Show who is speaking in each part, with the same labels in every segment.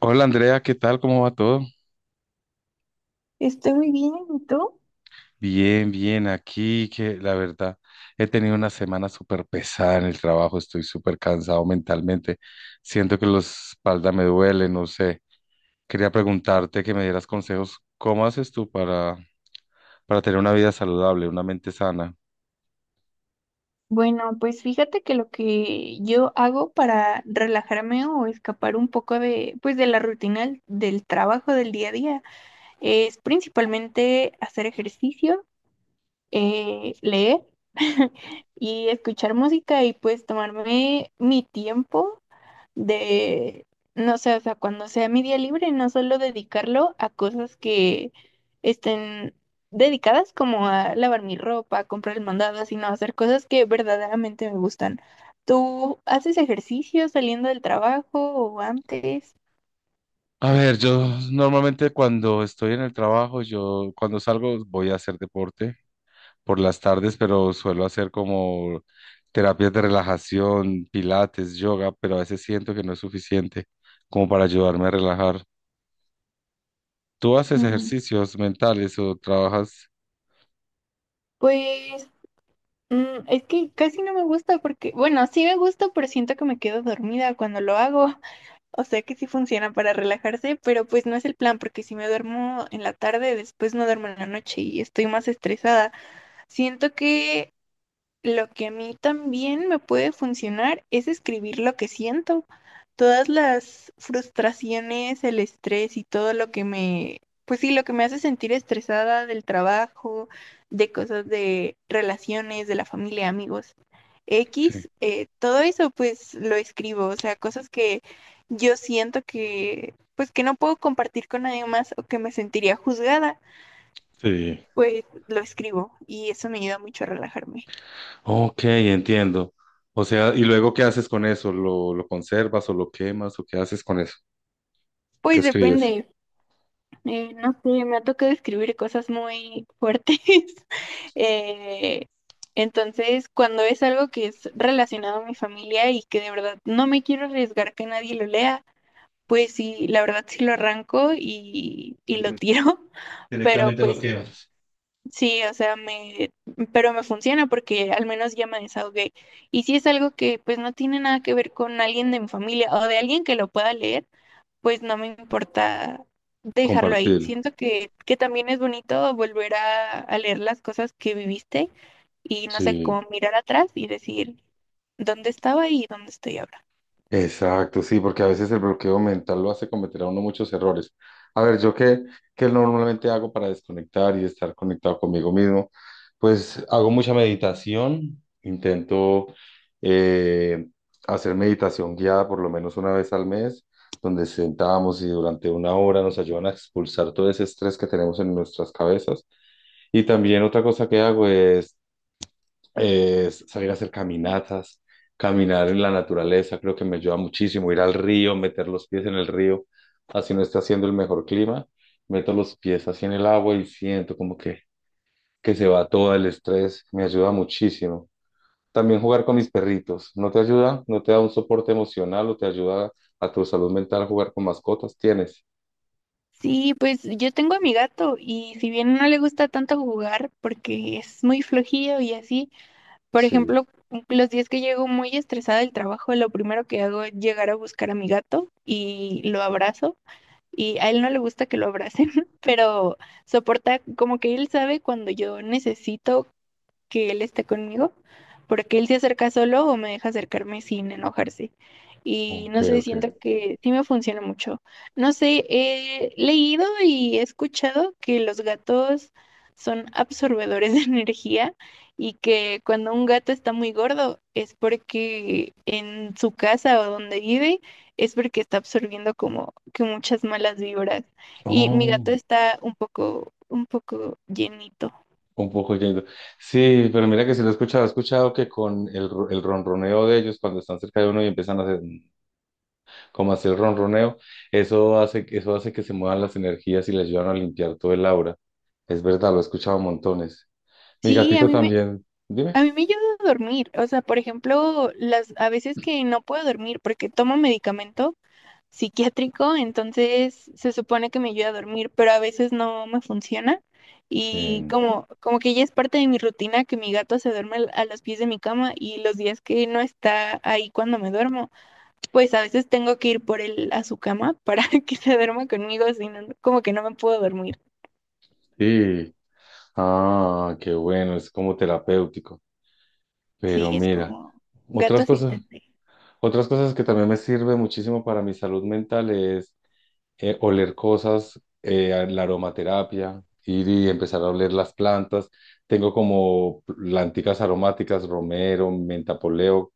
Speaker 1: Hola Andrea, ¿qué tal? ¿Cómo va todo?
Speaker 2: Estoy muy bien, ¿y tú?
Speaker 1: Bien, bien, aquí que la verdad he tenido una semana súper pesada en el trabajo, estoy súper cansado mentalmente, siento que la espalda me duele, no sé. Quería preguntarte que me dieras consejos, ¿cómo haces tú para tener una vida saludable, una mente sana?
Speaker 2: Bueno, pues fíjate que lo que yo hago para relajarme o escapar un poco de, pues de la rutina del trabajo del día a día es principalmente hacer ejercicio, leer y escuchar música y pues tomarme mi tiempo de, no sé, o sea, cuando sea mi día libre, no solo dedicarlo a cosas que estén dedicadas como a lavar mi ropa, comprar el mandado, sino hacer cosas que verdaderamente me gustan. ¿Tú haces ejercicio saliendo del trabajo o antes?
Speaker 1: A ver, yo normalmente cuando estoy en el trabajo, yo cuando salgo voy a hacer deporte por las tardes, pero suelo hacer como terapias de relajación, pilates, yoga, pero a veces siento que no es suficiente como para ayudarme a relajar. ¿Tú haces
Speaker 2: Mm,
Speaker 1: ejercicios mentales o trabajas?
Speaker 2: Pues es que casi no me gusta porque, bueno, sí me gusta, pero siento que me quedo dormida cuando lo hago. O sea que sí funciona para relajarse, pero pues no es el plan, porque si me duermo en la tarde, después no duermo en la noche y estoy más estresada. Siento que lo que a mí también me puede funcionar es escribir lo que siento. Todas las frustraciones, el estrés y todo lo que me, pues sí, lo que me hace sentir estresada del trabajo, de cosas de relaciones, de la familia, amigos.
Speaker 1: Sí.
Speaker 2: X, todo eso pues lo escribo, o sea, cosas que yo siento que, pues que no puedo compartir con nadie más o que me sentiría juzgada,
Speaker 1: Sí.
Speaker 2: pues lo escribo y eso me ayuda mucho a relajarme.
Speaker 1: Ok, entiendo. O sea, ¿y luego qué haces con eso? ¿Lo conservas o lo quemas o qué haces con eso? ¿Qué
Speaker 2: Pues
Speaker 1: escribes?
Speaker 2: depende. No sé, me ha tocado escribir cosas muy fuertes. Eh, entonces, cuando es algo que es relacionado a mi familia y que de verdad no me quiero arriesgar que nadie lo lea, pues sí, la verdad sí lo arranco y lo
Speaker 1: Dire-
Speaker 2: tiro. Pero
Speaker 1: Directamente lo
Speaker 2: pues
Speaker 1: quemas.
Speaker 2: sí, o sea, me, pero me funciona porque al menos ya me desahogué. Y si es algo que pues no tiene nada que ver con alguien de mi familia o de alguien que lo pueda leer, pues no me importa dejarlo ahí.
Speaker 1: Compartir.
Speaker 2: Siento que también es bonito volver a leer las cosas que viviste y no sé,
Speaker 1: Sí.
Speaker 2: cómo mirar atrás y decir dónde estaba y dónde estoy ahora.
Speaker 1: Exacto, sí, porque a veces el bloqueo mental lo hace cometer a uno muchos errores. A ver, yo qué, qué normalmente hago para desconectar y estar conectado conmigo mismo, pues hago mucha meditación, intento eh, hacer meditación guiada por lo menos 1 vez al mes, donde sentamos y durante 1 hora nos ayudan a expulsar todo ese estrés que tenemos en nuestras cabezas. Y también otra cosa que hago es salir a hacer caminatas, caminar en la naturaleza, creo que me ayuda muchísimo, ir al río, meter los pies en el río, así no está haciendo el mejor clima, meto los pies así en el agua y siento como que se va todo el estrés, me ayuda muchísimo. También jugar con mis perritos, ¿no te ayuda? ¿No te da un soporte emocional o te ayuda a tu salud mental jugar con mascotas? ¿Tienes?
Speaker 2: Sí, pues yo tengo a mi gato y si bien no le gusta tanto jugar porque es muy flojillo y así. Por
Speaker 1: Sí,
Speaker 2: ejemplo, los días que llego muy estresada del trabajo, lo primero que hago es llegar a buscar a mi gato y lo abrazo. Y a él no le gusta que lo abracen, pero soporta, como que él sabe cuando yo necesito que él esté conmigo, porque él se acerca solo o me deja acercarme sin enojarse. Y
Speaker 1: ok,
Speaker 2: no sé,
Speaker 1: ok.
Speaker 2: siento que sí me funciona mucho. No sé, he leído y he escuchado que los gatos son absorbedores de energía y que cuando un gato está muy gordo es porque en su casa o donde vive es porque está absorbiendo como que muchas malas vibras. Y mi
Speaker 1: Oh.
Speaker 2: gato está un poco llenito.
Speaker 1: Un poco yendo. Sí, pero mira que sí lo he escuchado. He escuchado que con el ronroneo de ellos, cuando están cerca de uno y empiezan a hacer, como a hacer ronroneo, eso hace que se muevan las energías y les ayudan a limpiar todo el aura. Es verdad, lo he escuchado montones. Mi
Speaker 2: Sí, a
Speaker 1: gatito
Speaker 2: mí me
Speaker 1: también. Dime.
Speaker 2: A mí me ayuda a dormir, o sea, por ejemplo, las a veces que no puedo dormir porque tomo medicamento psiquiátrico, entonces se supone que me ayuda a dormir, pero a veces no me funciona y
Speaker 1: Sí.
Speaker 2: como que ya es parte de mi rutina que mi gato se duerme a los pies de mi cama y los días que no está ahí cuando me duermo, pues a veces tengo que ir por él a su cama para que se duerma conmigo, si no, como que no me puedo dormir.
Speaker 1: Sí. Ah, qué bueno, es como terapéutico. Pero
Speaker 2: Sí, es
Speaker 1: mira,
Speaker 2: como gato
Speaker 1: otras cosas,
Speaker 2: asistente.
Speaker 1: otras cosas que también me sirve muchísimo para mi salud mental es oler cosas, la aromaterapia, ir y empezar a oler las plantas. Tengo como planticas aromáticas, romero, menta poleo,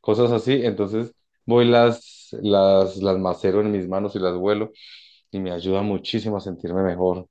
Speaker 1: cosas así. Entonces voy las macero en mis manos y las vuelo y me ayuda muchísimo a sentirme mejor.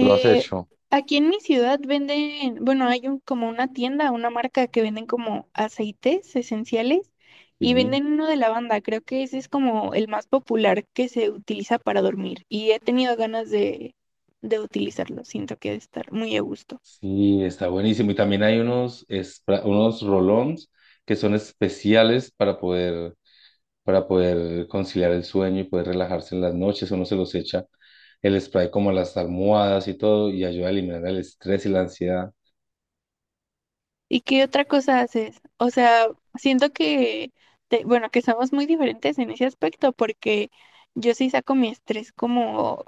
Speaker 1: ¿Lo has hecho?
Speaker 2: aquí en mi ciudad venden, bueno, hay un, como una tienda, una marca que venden como aceites esenciales y
Speaker 1: Sí.
Speaker 2: venden uno de lavanda. Creo que ese es como el más popular que se utiliza para dormir y he tenido ganas de utilizarlo. Siento que ha de estar muy a gusto.
Speaker 1: Sí, está buenísimo. Y también hay unos, unos rolons que son especiales para poder conciliar el sueño y poder relajarse en las noches. Uno se los echa el spray como a las almohadas y todo y ayuda a eliminar el estrés y la ansiedad.
Speaker 2: ¿Y qué otra cosa haces? O sea, siento que, bueno, que somos muy diferentes en ese aspecto porque yo sí saco mi estrés como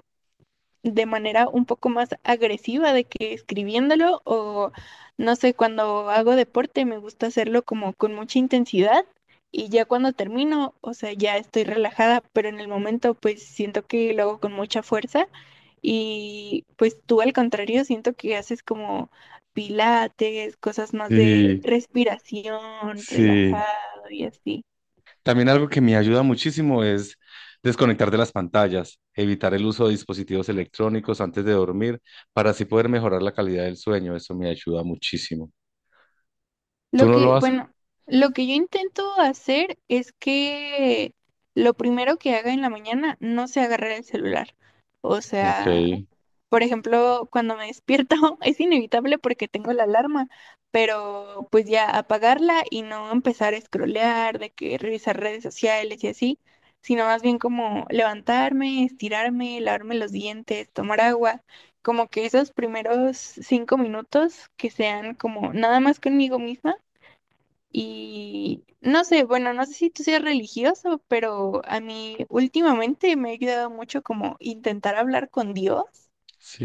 Speaker 2: de manera un poco más agresiva de que escribiéndolo o no sé, cuando hago deporte me gusta hacerlo como con mucha intensidad y ya cuando termino, o sea, ya estoy relajada, pero en el momento pues siento que lo hago con mucha fuerza y pues tú al contrario siento que haces como pilates, cosas más de
Speaker 1: Sí,
Speaker 2: respiración,
Speaker 1: sí.
Speaker 2: relajado y así.
Speaker 1: También algo que me ayuda muchísimo es desconectar de las pantallas, evitar el uso de dispositivos electrónicos antes de dormir para así poder mejorar la calidad del sueño. Eso me ayuda muchísimo. ¿Tú
Speaker 2: Lo
Speaker 1: no
Speaker 2: que,
Speaker 1: lo haces?
Speaker 2: bueno, lo que yo intento hacer es que lo primero que haga en la mañana no sea agarrar el celular. O
Speaker 1: Ok,
Speaker 2: sea, por ejemplo, cuando me despierto es inevitable porque tengo la alarma, pero pues ya apagarla y no empezar a scrollear, de que revisar redes sociales y así, sino más bien como levantarme, estirarme, lavarme los dientes, tomar agua, como que esos primeros 5 minutos que sean como nada más conmigo misma y no sé, bueno, no sé si tú seas religioso, pero a mí últimamente me ha ayudado mucho como intentar hablar con Dios.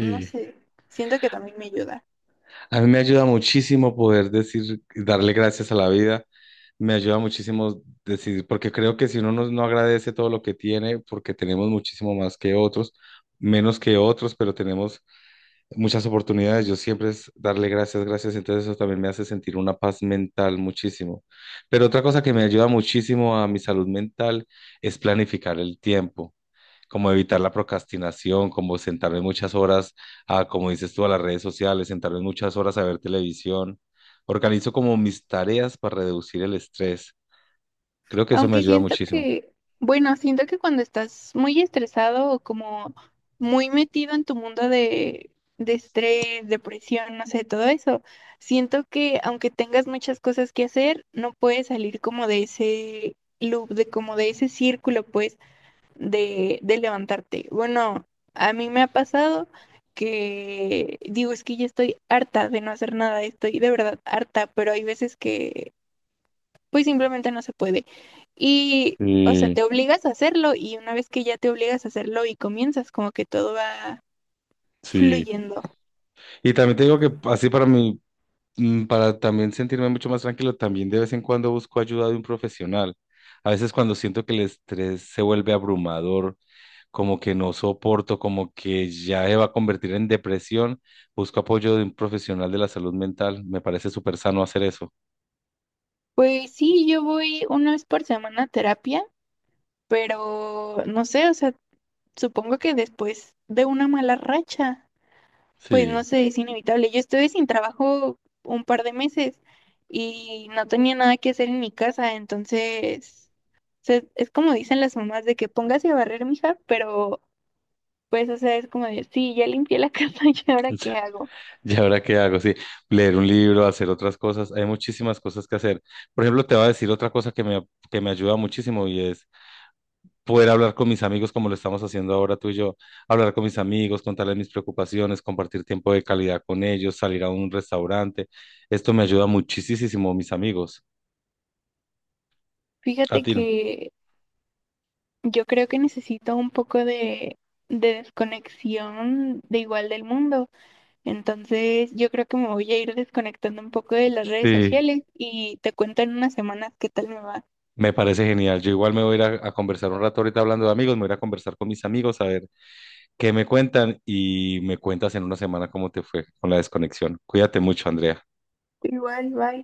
Speaker 2: No sé, siento que también me ayuda.
Speaker 1: A mí me ayuda muchísimo poder decir, darle gracias a la vida. Me ayuda muchísimo decir, porque creo que si uno no, no agradece todo lo que tiene, porque tenemos muchísimo más que otros, menos que otros, pero tenemos muchas oportunidades. Yo siempre es darle gracias, gracias. Entonces eso también me hace sentir una paz mental muchísimo. Pero otra cosa que me ayuda muchísimo a mi salud mental es planificar el tiempo como evitar la procrastinación, como sentarme muchas horas a, como dices tú, a las redes sociales, sentarme muchas horas a ver televisión. Organizo como mis tareas para reducir el estrés. Creo que eso me
Speaker 2: Aunque
Speaker 1: ayuda
Speaker 2: siento
Speaker 1: muchísimo.
Speaker 2: que, bueno, siento que cuando estás muy estresado o como muy metido en tu mundo de estrés, depresión, no sé, todo eso, siento que aunque tengas muchas cosas que hacer, no puedes salir como de ese loop, de como de ese círculo, pues. De levantarte. Bueno, a mí me ha pasado que digo, es que ya estoy harta de no hacer nada, estoy de verdad harta, pero hay veces que pues simplemente no se puede. Y, o sea,
Speaker 1: Sí,
Speaker 2: te obligas a hacerlo y una vez que ya te obligas a hacerlo y comienzas, como que todo va
Speaker 1: sí.
Speaker 2: fluyendo.
Speaker 1: Y también te digo que así para mí, para también sentirme mucho más tranquilo, también de vez en cuando busco ayuda de un profesional. A veces cuando siento que el estrés se vuelve abrumador como que no soporto, como que ya se va a convertir en depresión, busco apoyo de un profesional de la salud mental. Me parece súper sano hacer eso.
Speaker 2: Pues sí, yo voy una vez por semana a terapia, pero no sé, o sea, supongo que después de una mala racha. Pues no
Speaker 1: Sí.
Speaker 2: sé, es inevitable. Yo estuve sin trabajo un par de meses y no tenía nada que hacer en mi casa, entonces, o sea, es como dicen las mamás de que póngase a barrer, mija, pero pues, o sea, es como de, sí, ya limpié la casa y ahora qué hago.
Speaker 1: ¿Y ahora qué hago? Sí, leer un libro, hacer otras cosas. Hay muchísimas cosas que hacer. Por ejemplo, te voy a decir otra cosa que me ayuda muchísimo y es poder hablar con mis amigos como lo estamos haciendo ahora tú y yo. Hablar con mis amigos, contarles mis preocupaciones, compartir tiempo de calidad con ellos, salir a un restaurante. Esto me ayuda muchísimo, mis amigos. A
Speaker 2: Fíjate
Speaker 1: ti no.
Speaker 2: que yo creo que necesito un poco de desconexión de igual del mundo, entonces yo creo que me voy a ir desconectando un poco de las redes
Speaker 1: Sí.
Speaker 2: sociales y te cuento en unas semanas qué tal me va.
Speaker 1: Me parece genial. Yo igual me voy a ir a conversar un rato ahorita hablando de amigos, me voy a ir a conversar con mis amigos a ver qué me cuentan y me cuentas en 1 semana cómo te fue con la desconexión. Cuídate mucho, Andrea.
Speaker 2: Igual, bye.